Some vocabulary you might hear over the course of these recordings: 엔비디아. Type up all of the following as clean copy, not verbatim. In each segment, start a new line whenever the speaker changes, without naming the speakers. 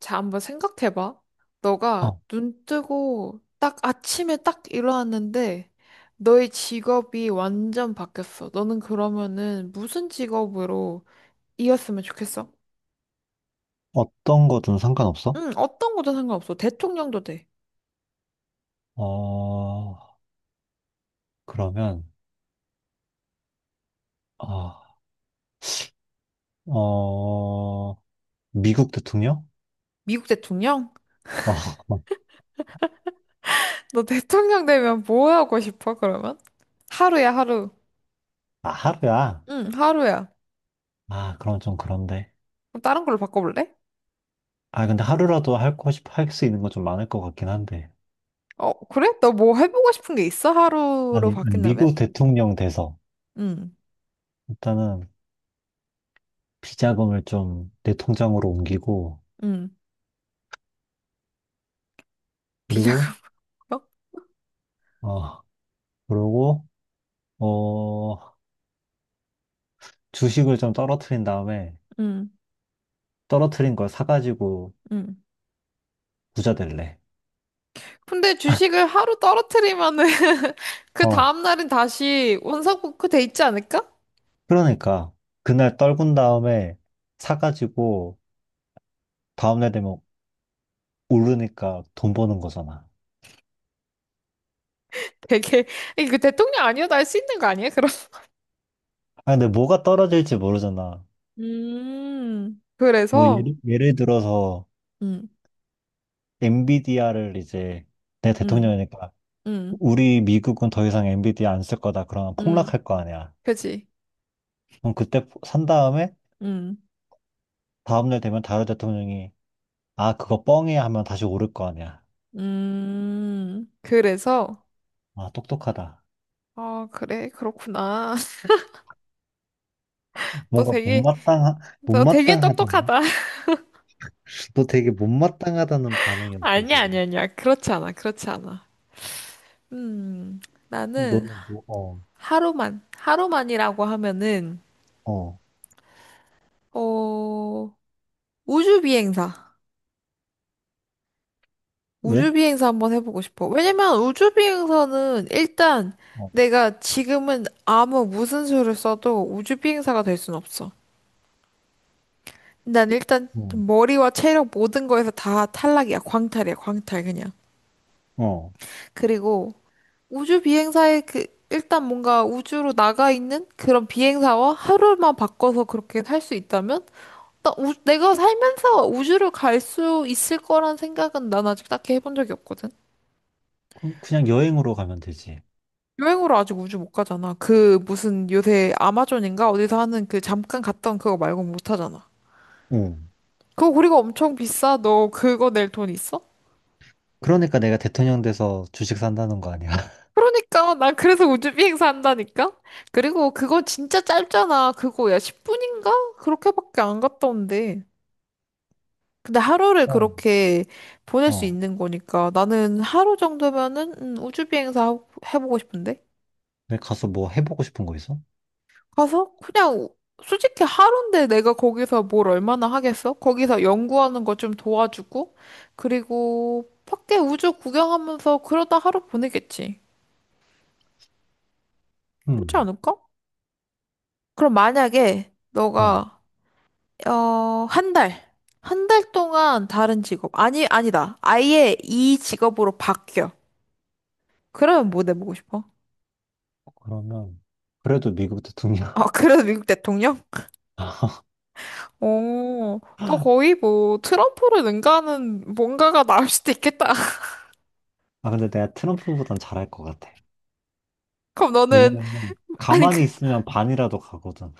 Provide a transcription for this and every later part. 자, 한번 생각해봐. 너가
어,
눈 뜨고 딱 아침에 딱 일어났는데 너의 직업이 완전 바뀌었어. 너는 그러면은 무슨 직업으로 이었으면 좋겠어?
어떤 거든 상관없어?
응, 어떤 거든 상관없어. 대통령도 돼.
어, 그러면, 아, 어, 미국 대통령?
미국 대통령?
어,
너 대통령 되면 뭐 하고 싶어, 그러면? 하루야, 하루.
아, 하루야.
응, 하루야.
아, 그럼 좀 그런데.
그럼 다른 걸로 바꿔볼래?
아, 근데 하루라도 할 거, 할수 있는 거 좀 많을 것 같긴 한데.
어, 그래? 너 뭐 해보고 싶은 게 있어? 하루로
아니,
바뀐다면?
미국 대통령 돼서.
응,
일단은 비자금을 좀 내 통장으로 옮기고,
응.
그리고,
비자금?
어, 그러고, 어, 주식을 좀 떨어뜨린 다음에,
응,
떨어뜨린 걸 사가지고
응.
부자 될래.
근데 주식을 하루 떨어뜨리면은 그
어.
다음날은 다시 원상복구 돼 있지 않을까?
그러니까 그날 떨군 다음에 사가지고 다음날 되면 오르니까 돈 버는 거잖아.
되게 그 대통령 아니어도 할 수 있는 거 아니에요? 그럼
아, 근데 뭐가 떨어질지 모르잖아.
음,
뭐
그래서
예를 들어서 엔비디아를 이제 내 대통령이니까
음음음음
우리 미국은 더 이상 엔비디아 안 쓸 거다. 그러면 폭락할 거 아니야.
그지
그럼 그때 산 다음에
음음
다음날 되면 다른 대통령이 아 그거 뻥이야 하면 다시 오를 거 아니야.
그래서
아 똑똑하다.
아, 그래, 그렇구나. 너
뭔가
되게
못마땅하,
너 되게
못마땅하다. 너
똑똑하다.
너 되게 못마땅하다는 반응이었어,
아니야,
지금.
아니야, 아니야, 그렇지 않아, 그렇지 않아. 음, 나는
너는
하루만이라고 하면은
어,
어, 우주비행사.
왜?
우주비행사 한번 해보고 싶어. 왜냐면 우주비행사는 일단
어,
내가 지금은 아무 무슨 수를 써도 우주비행사가 될 순 없어. 난 일단
어,
머리와 체력 모든 거에서 다 탈락이야. 광탈이야. 광탈 그냥.
어.
그리고 우주비행사의 그 일단 뭔가 우주로 나가 있는 그런 비행사와 하루만 바꿔서 그렇게 살 수 있다면 내가 살면서 우주를 갈 수 있을 거란 생각은 난 아직 딱히 해본 적이 없거든.
그냥 여행으로 가면 되지.
여행으로 아직 우주 못 가잖아. 그 무슨 요새 아마존인가 어디서 하는 그 잠깐 갔던 그거 말고 못 하잖아.
응.
그거 우리가 엄청 비싸. 너 그거 낼 돈 있어?
그러니까 내가 대통령 돼서 주식 산다는 거 아니야?
그러니까 난 그래서 우주 비행사 한다니까. 그리고 그거 진짜 짧잖아. 그거 야 10분인가? 그렇게밖에 안 갔다 온대. 근데 하루를
어.
그렇게 보낼 수
어.
있는 거니까 나는 하루 정도면은 우주 비행사 해보고 싶은데.
내가 가서 뭐 해보고 싶은 거 있어?
가서 그냥 솔직히 하루인데 내가 거기서 뭘 얼마나 하겠어? 거기서 연구하는 거 좀 도와주고 그리고 밖에 우주 구경하면서 그러다 하루 보내겠지. 그렇지
응.
않을까? 그럼 만약에
어.
너가 어, 한 달, 한 달 동안 다른 직업 아니, 아니다. 아예 이 직업으로 바뀌어. 그러면 뭐 내보고 싶어?
그러면, 그래도 미국 대통령.
아, 그래서 미국 대통령? 오, 너 거의 뭐 트럼프를 능가하는 뭔가가 나올 수도 있겠다.
아, 근데 내가 트럼프보단 잘할 것 같아.
그럼 너는
왜냐면,
아니,
가만히
그
있으면 반이라도 가거든.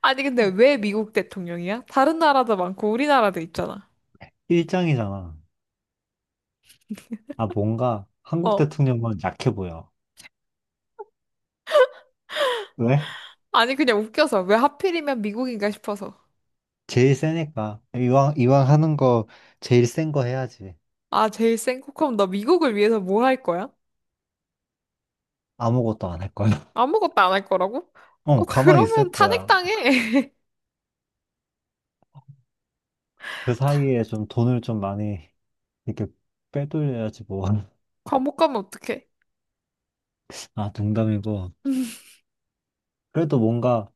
아니, 근데 왜 미국 대통령이야? 다른 나라도 많고 우리나라도 있잖아.
일장이잖아. 아, 뭔가 한국
어.
대통령은 약해 보여. 왜?
아니, 그냥 웃겨서 왜 하필이면 미국인가 싶어서.
제일 세니까. 이왕 하는 거 제일 센 거 해야지.
아, 제일 센 코컴 너 미국을 위해서 뭐 할 거야?
아무것도 안 할 거야.
아무것도 안 할 거라고? 어,
어, 가만히
그러면
있을 거야.
탄핵당해.
그 사이에 좀 돈을 좀 많이 이렇게 빼돌려야지 뭐.
감옥 가면 어떡해?
아, 농담이고. 그래도 뭔가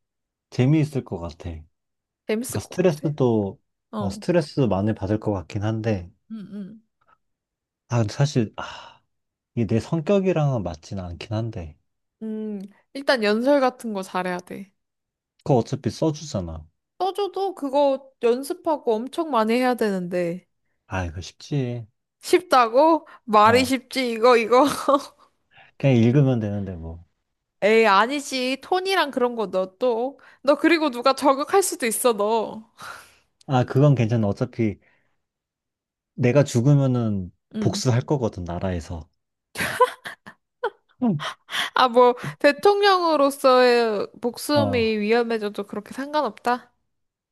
재미있을 것 같아. 그러니까
재밌을 것 같아.
스트레스도,
어.
스트레스도 많이 받을 것 같긴 한데.
응, 응.
아, 근데 사실, 아, 이게 내 성격이랑은 맞진 않긴 한데.
음, 일단 연설 같은 거 잘해야 돼.
그거 어차피 써주잖아.
떠줘도 그거 연습하고 엄청 많이 해야 되는데.
아, 이거 쉽지.
쉽다고? 말이
어,
쉽지, 이거, 이거.
그냥 읽으면 되는데 뭐.
에이, 아니지. 톤이랑 그런 거 너 또. 너 그리고 누가 저격할 수도 있어, 너.
아, 그건 괜찮아. 어차피 내가 죽으면은
응.
복수할 거거든, 나라에서. 응.
아, 뭐, 대통령으로서의 목숨이
어,
위험해져도 그렇게 상관없다?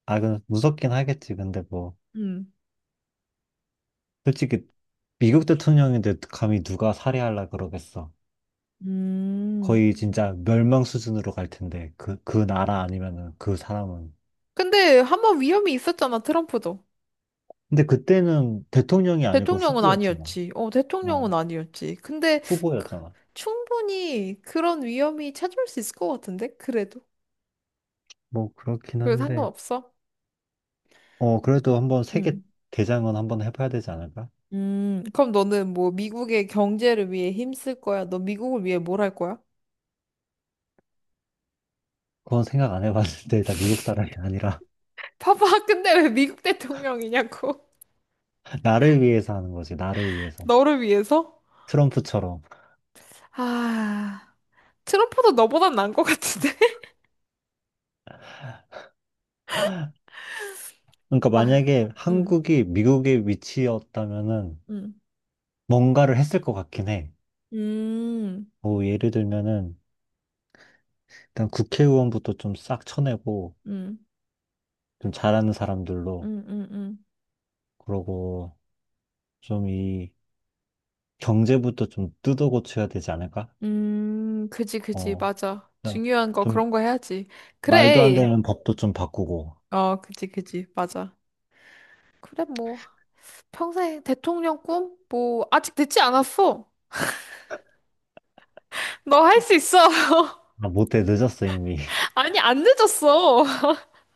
그 무섭긴 하겠지. 근데 뭐,
응.
솔직히 미국 대통령인데 감히 누가 살해하려 그러겠어.
음,
거의 진짜 멸망 수준으로 갈 텐데, 그 나라 아니면은 그 사람은.
근데 한번 위험이 있었잖아, 트럼프도.
근데 그때는 대통령이 아니고
대통령은
후보였잖아.
아니었지. 어,
어,
대통령은 아니었지. 근데 그-
후보였잖아.
충분히 그런 위험이 찾아올 수 있을 것 같은데? 그래도.
뭐, 그렇긴
그래도
한데,
상관없어.
어, 그래도 한번 세계
응.
대장은 한번 해봐야 되지 않을까?
그럼 너는 뭐 미국의 경제를 위해 힘쓸 거야? 너 미국을 위해 뭘 할 거야?
그건 생각 안 해봤는데, 다 미국 사람이 아니라,
봐봐, 근데 왜 미국 대통령이냐고.
나를 위해서 하는 거지, 나를 위해서.
너를 위해서?
트럼프처럼.
아, 트럼프도 너보단 나은 것 같은데?
그러니까
막,
만약에
음,
한국이 미국의 위치였다면은
음,
뭔가를 했을 것 같긴 해.
음,
뭐 예를 들면은 일단 국회의원부터 좀 싹 쳐내고
음,
좀 잘하는 사람들로
음, 음, 음,
그러고 좀 이 경제부터 좀 뜯어 고쳐야 되지 않을까?
그지, 그지,
어,
맞아.
그냥
중요한 거
좀
그런 거 해야지.
말도 안
그래.
되는 법도 좀 바꾸고.
어, 그지, 그지, 맞아. 그래, 뭐, 평생 대통령 꿈? 뭐, 아직 늦지 않았어. 너 할 수 있어.
아, 못해. 늦었어, 이미.
아니, 안 늦었어.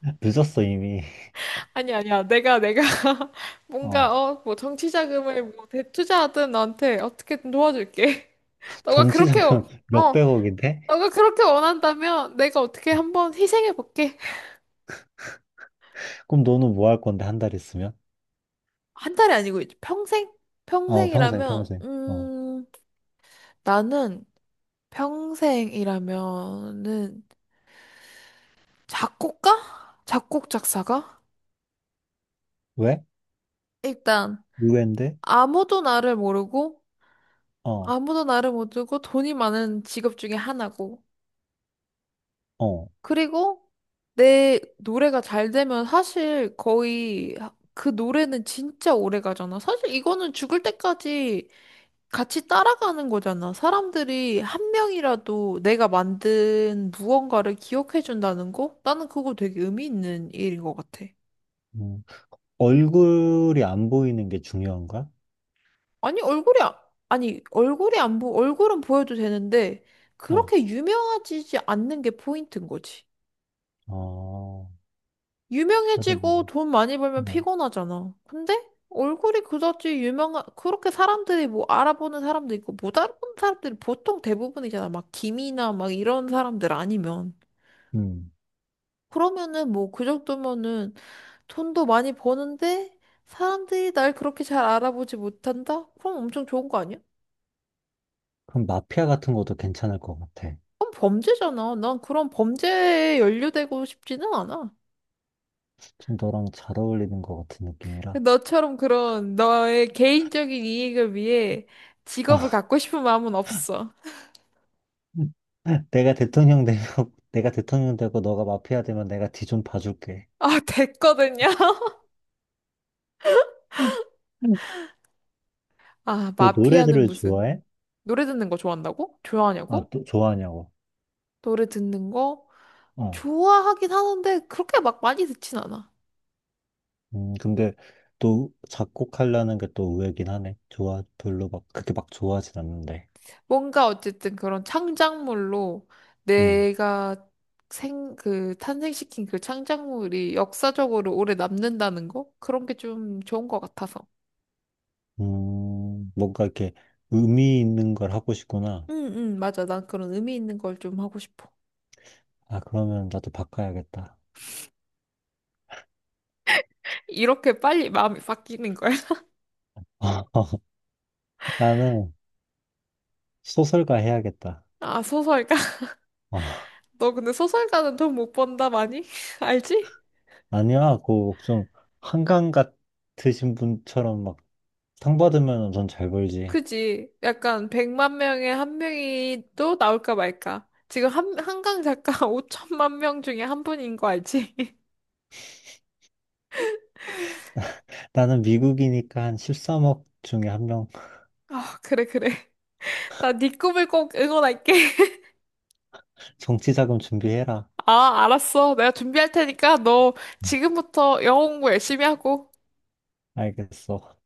늦었어, 이미.
아니, 아니야. 내가, 뭔가,
어,
어, 뭐, 정치 자금을 뭐, 대투자하든 너한테 어떻게든 도와줄게. 너가 그렇게, 어,
전체적으로
어,
몇백억인데?
너가 그렇게 원한다면 내가 어떻게 한번 희생해볼게.
그럼 너는 뭐 할 건데, 한 달 있으면?
한 달이 아니고, 이제 평생?
어, 평생,
평생이라면,
평생. 어.
나는 평생이라면은 작곡가? 작곡 작사가?
왜?
일단,
의외인데?
아무도 나를 모르고,
어,
아무도 나를 모르고 돈이 많은 직업 중에 하나고,
어.
그리고 내 노래가 잘 되면 사실 거의 그 노래는 진짜 오래 가잖아. 사실 이거는 죽을 때까지 같이 따라가는 거잖아. 사람들이 한 명이라도 내가 만든 무언가를 기억해 준다는 거? 나는 그거 되게 의미 있는 일인 것 같아.
음. 얼굴이 안 보이는 게 중요한 거야?
아니, 얼굴이, 아니, 얼굴이 안 보, 얼굴은 보여도 되는데,
어,
그렇게 유명해지지 않는 게 포인트인 거지.
어. 그래서
유명해지고
뭐,
돈 많이 벌면
어.
피곤하잖아. 근데 얼굴이 그다지 유명한, 그렇게 사람들이 뭐 알아보는 사람도 있고 못 알아보는 사람들이 보통 대부분이잖아. 막 김이나 막 이런 사람들 아니면.
음.
그러면은 뭐 그 정도면은 돈도 많이 버는데 사람들이 날 그렇게 잘 알아보지 못한다? 그럼 엄청 좋은 거 아니야?
그럼 마피아 같은 것도 괜찮을 것 같아.
그럼 범죄잖아. 난 그런 범죄에 연루되고 싶지는 않아.
좀 너랑 잘 어울리는 것 같은 느낌이라.
너처럼 그런 너의 개인적인 이익을 위해 직업을 갖고 싶은 마음은 없어.
내가 대통령 되고 내가 대통령 되고 너가 마피아 되면 내가 뒤 좀 봐줄게.
아, 됐거든요.
음. 음.
아,
너
마피아는
노래들을
무슨
좋아해?
노래 듣는 거 좋아한다고?
아,
좋아하냐고?
또 좋아하냐고.
노래 듣는 거
어.
좋아하긴 하는데 그렇게 막 많이 듣진 않아.
근데 또 작곡하려는 게 또 의외긴 하네. 좋아, 별로 막, 그렇게 막 좋아하진 않는데.
뭔가 어쨌든 그런 창작물로
음,
내가 그 탄생시킨 그 창작물이 역사적으로 오래 남는다는 거? 그런 게 좀 좋은 것 같아서.
뭔가 이렇게 의미 있는 걸 하고 싶구나.
응, 응, 맞아. 난 그런 의미 있는 걸 좀 하고 싶어.
아, 그러면 나도 바꿔야겠다.
이렇게 빨리 마음이 바뀌는 거야?
나는 소설가 해야겠다.
아, 소설가?
어,
너 근데 소설가는 돈 못 번다, 많이? 알지?
아니야, 그, 좀, 한강 같으신 분처럼 막, 상 받으면 돈 잘 벌지.
그지? 약간 100만 명에 한 명이 또 나올까 말까. 지금 한강 작가 5천만 명 중에 한 분인 거 알지?
나는 미국이니까 한 13억 중에 한 명,
아, 그래, 그래. 나 네 꿈을 꼭 응원할게.
정치 자금 준비해라.
아, 알았어. 내가 준비할 테니까 너 지금부터 영어 공부 열심히 하고.
알겠어.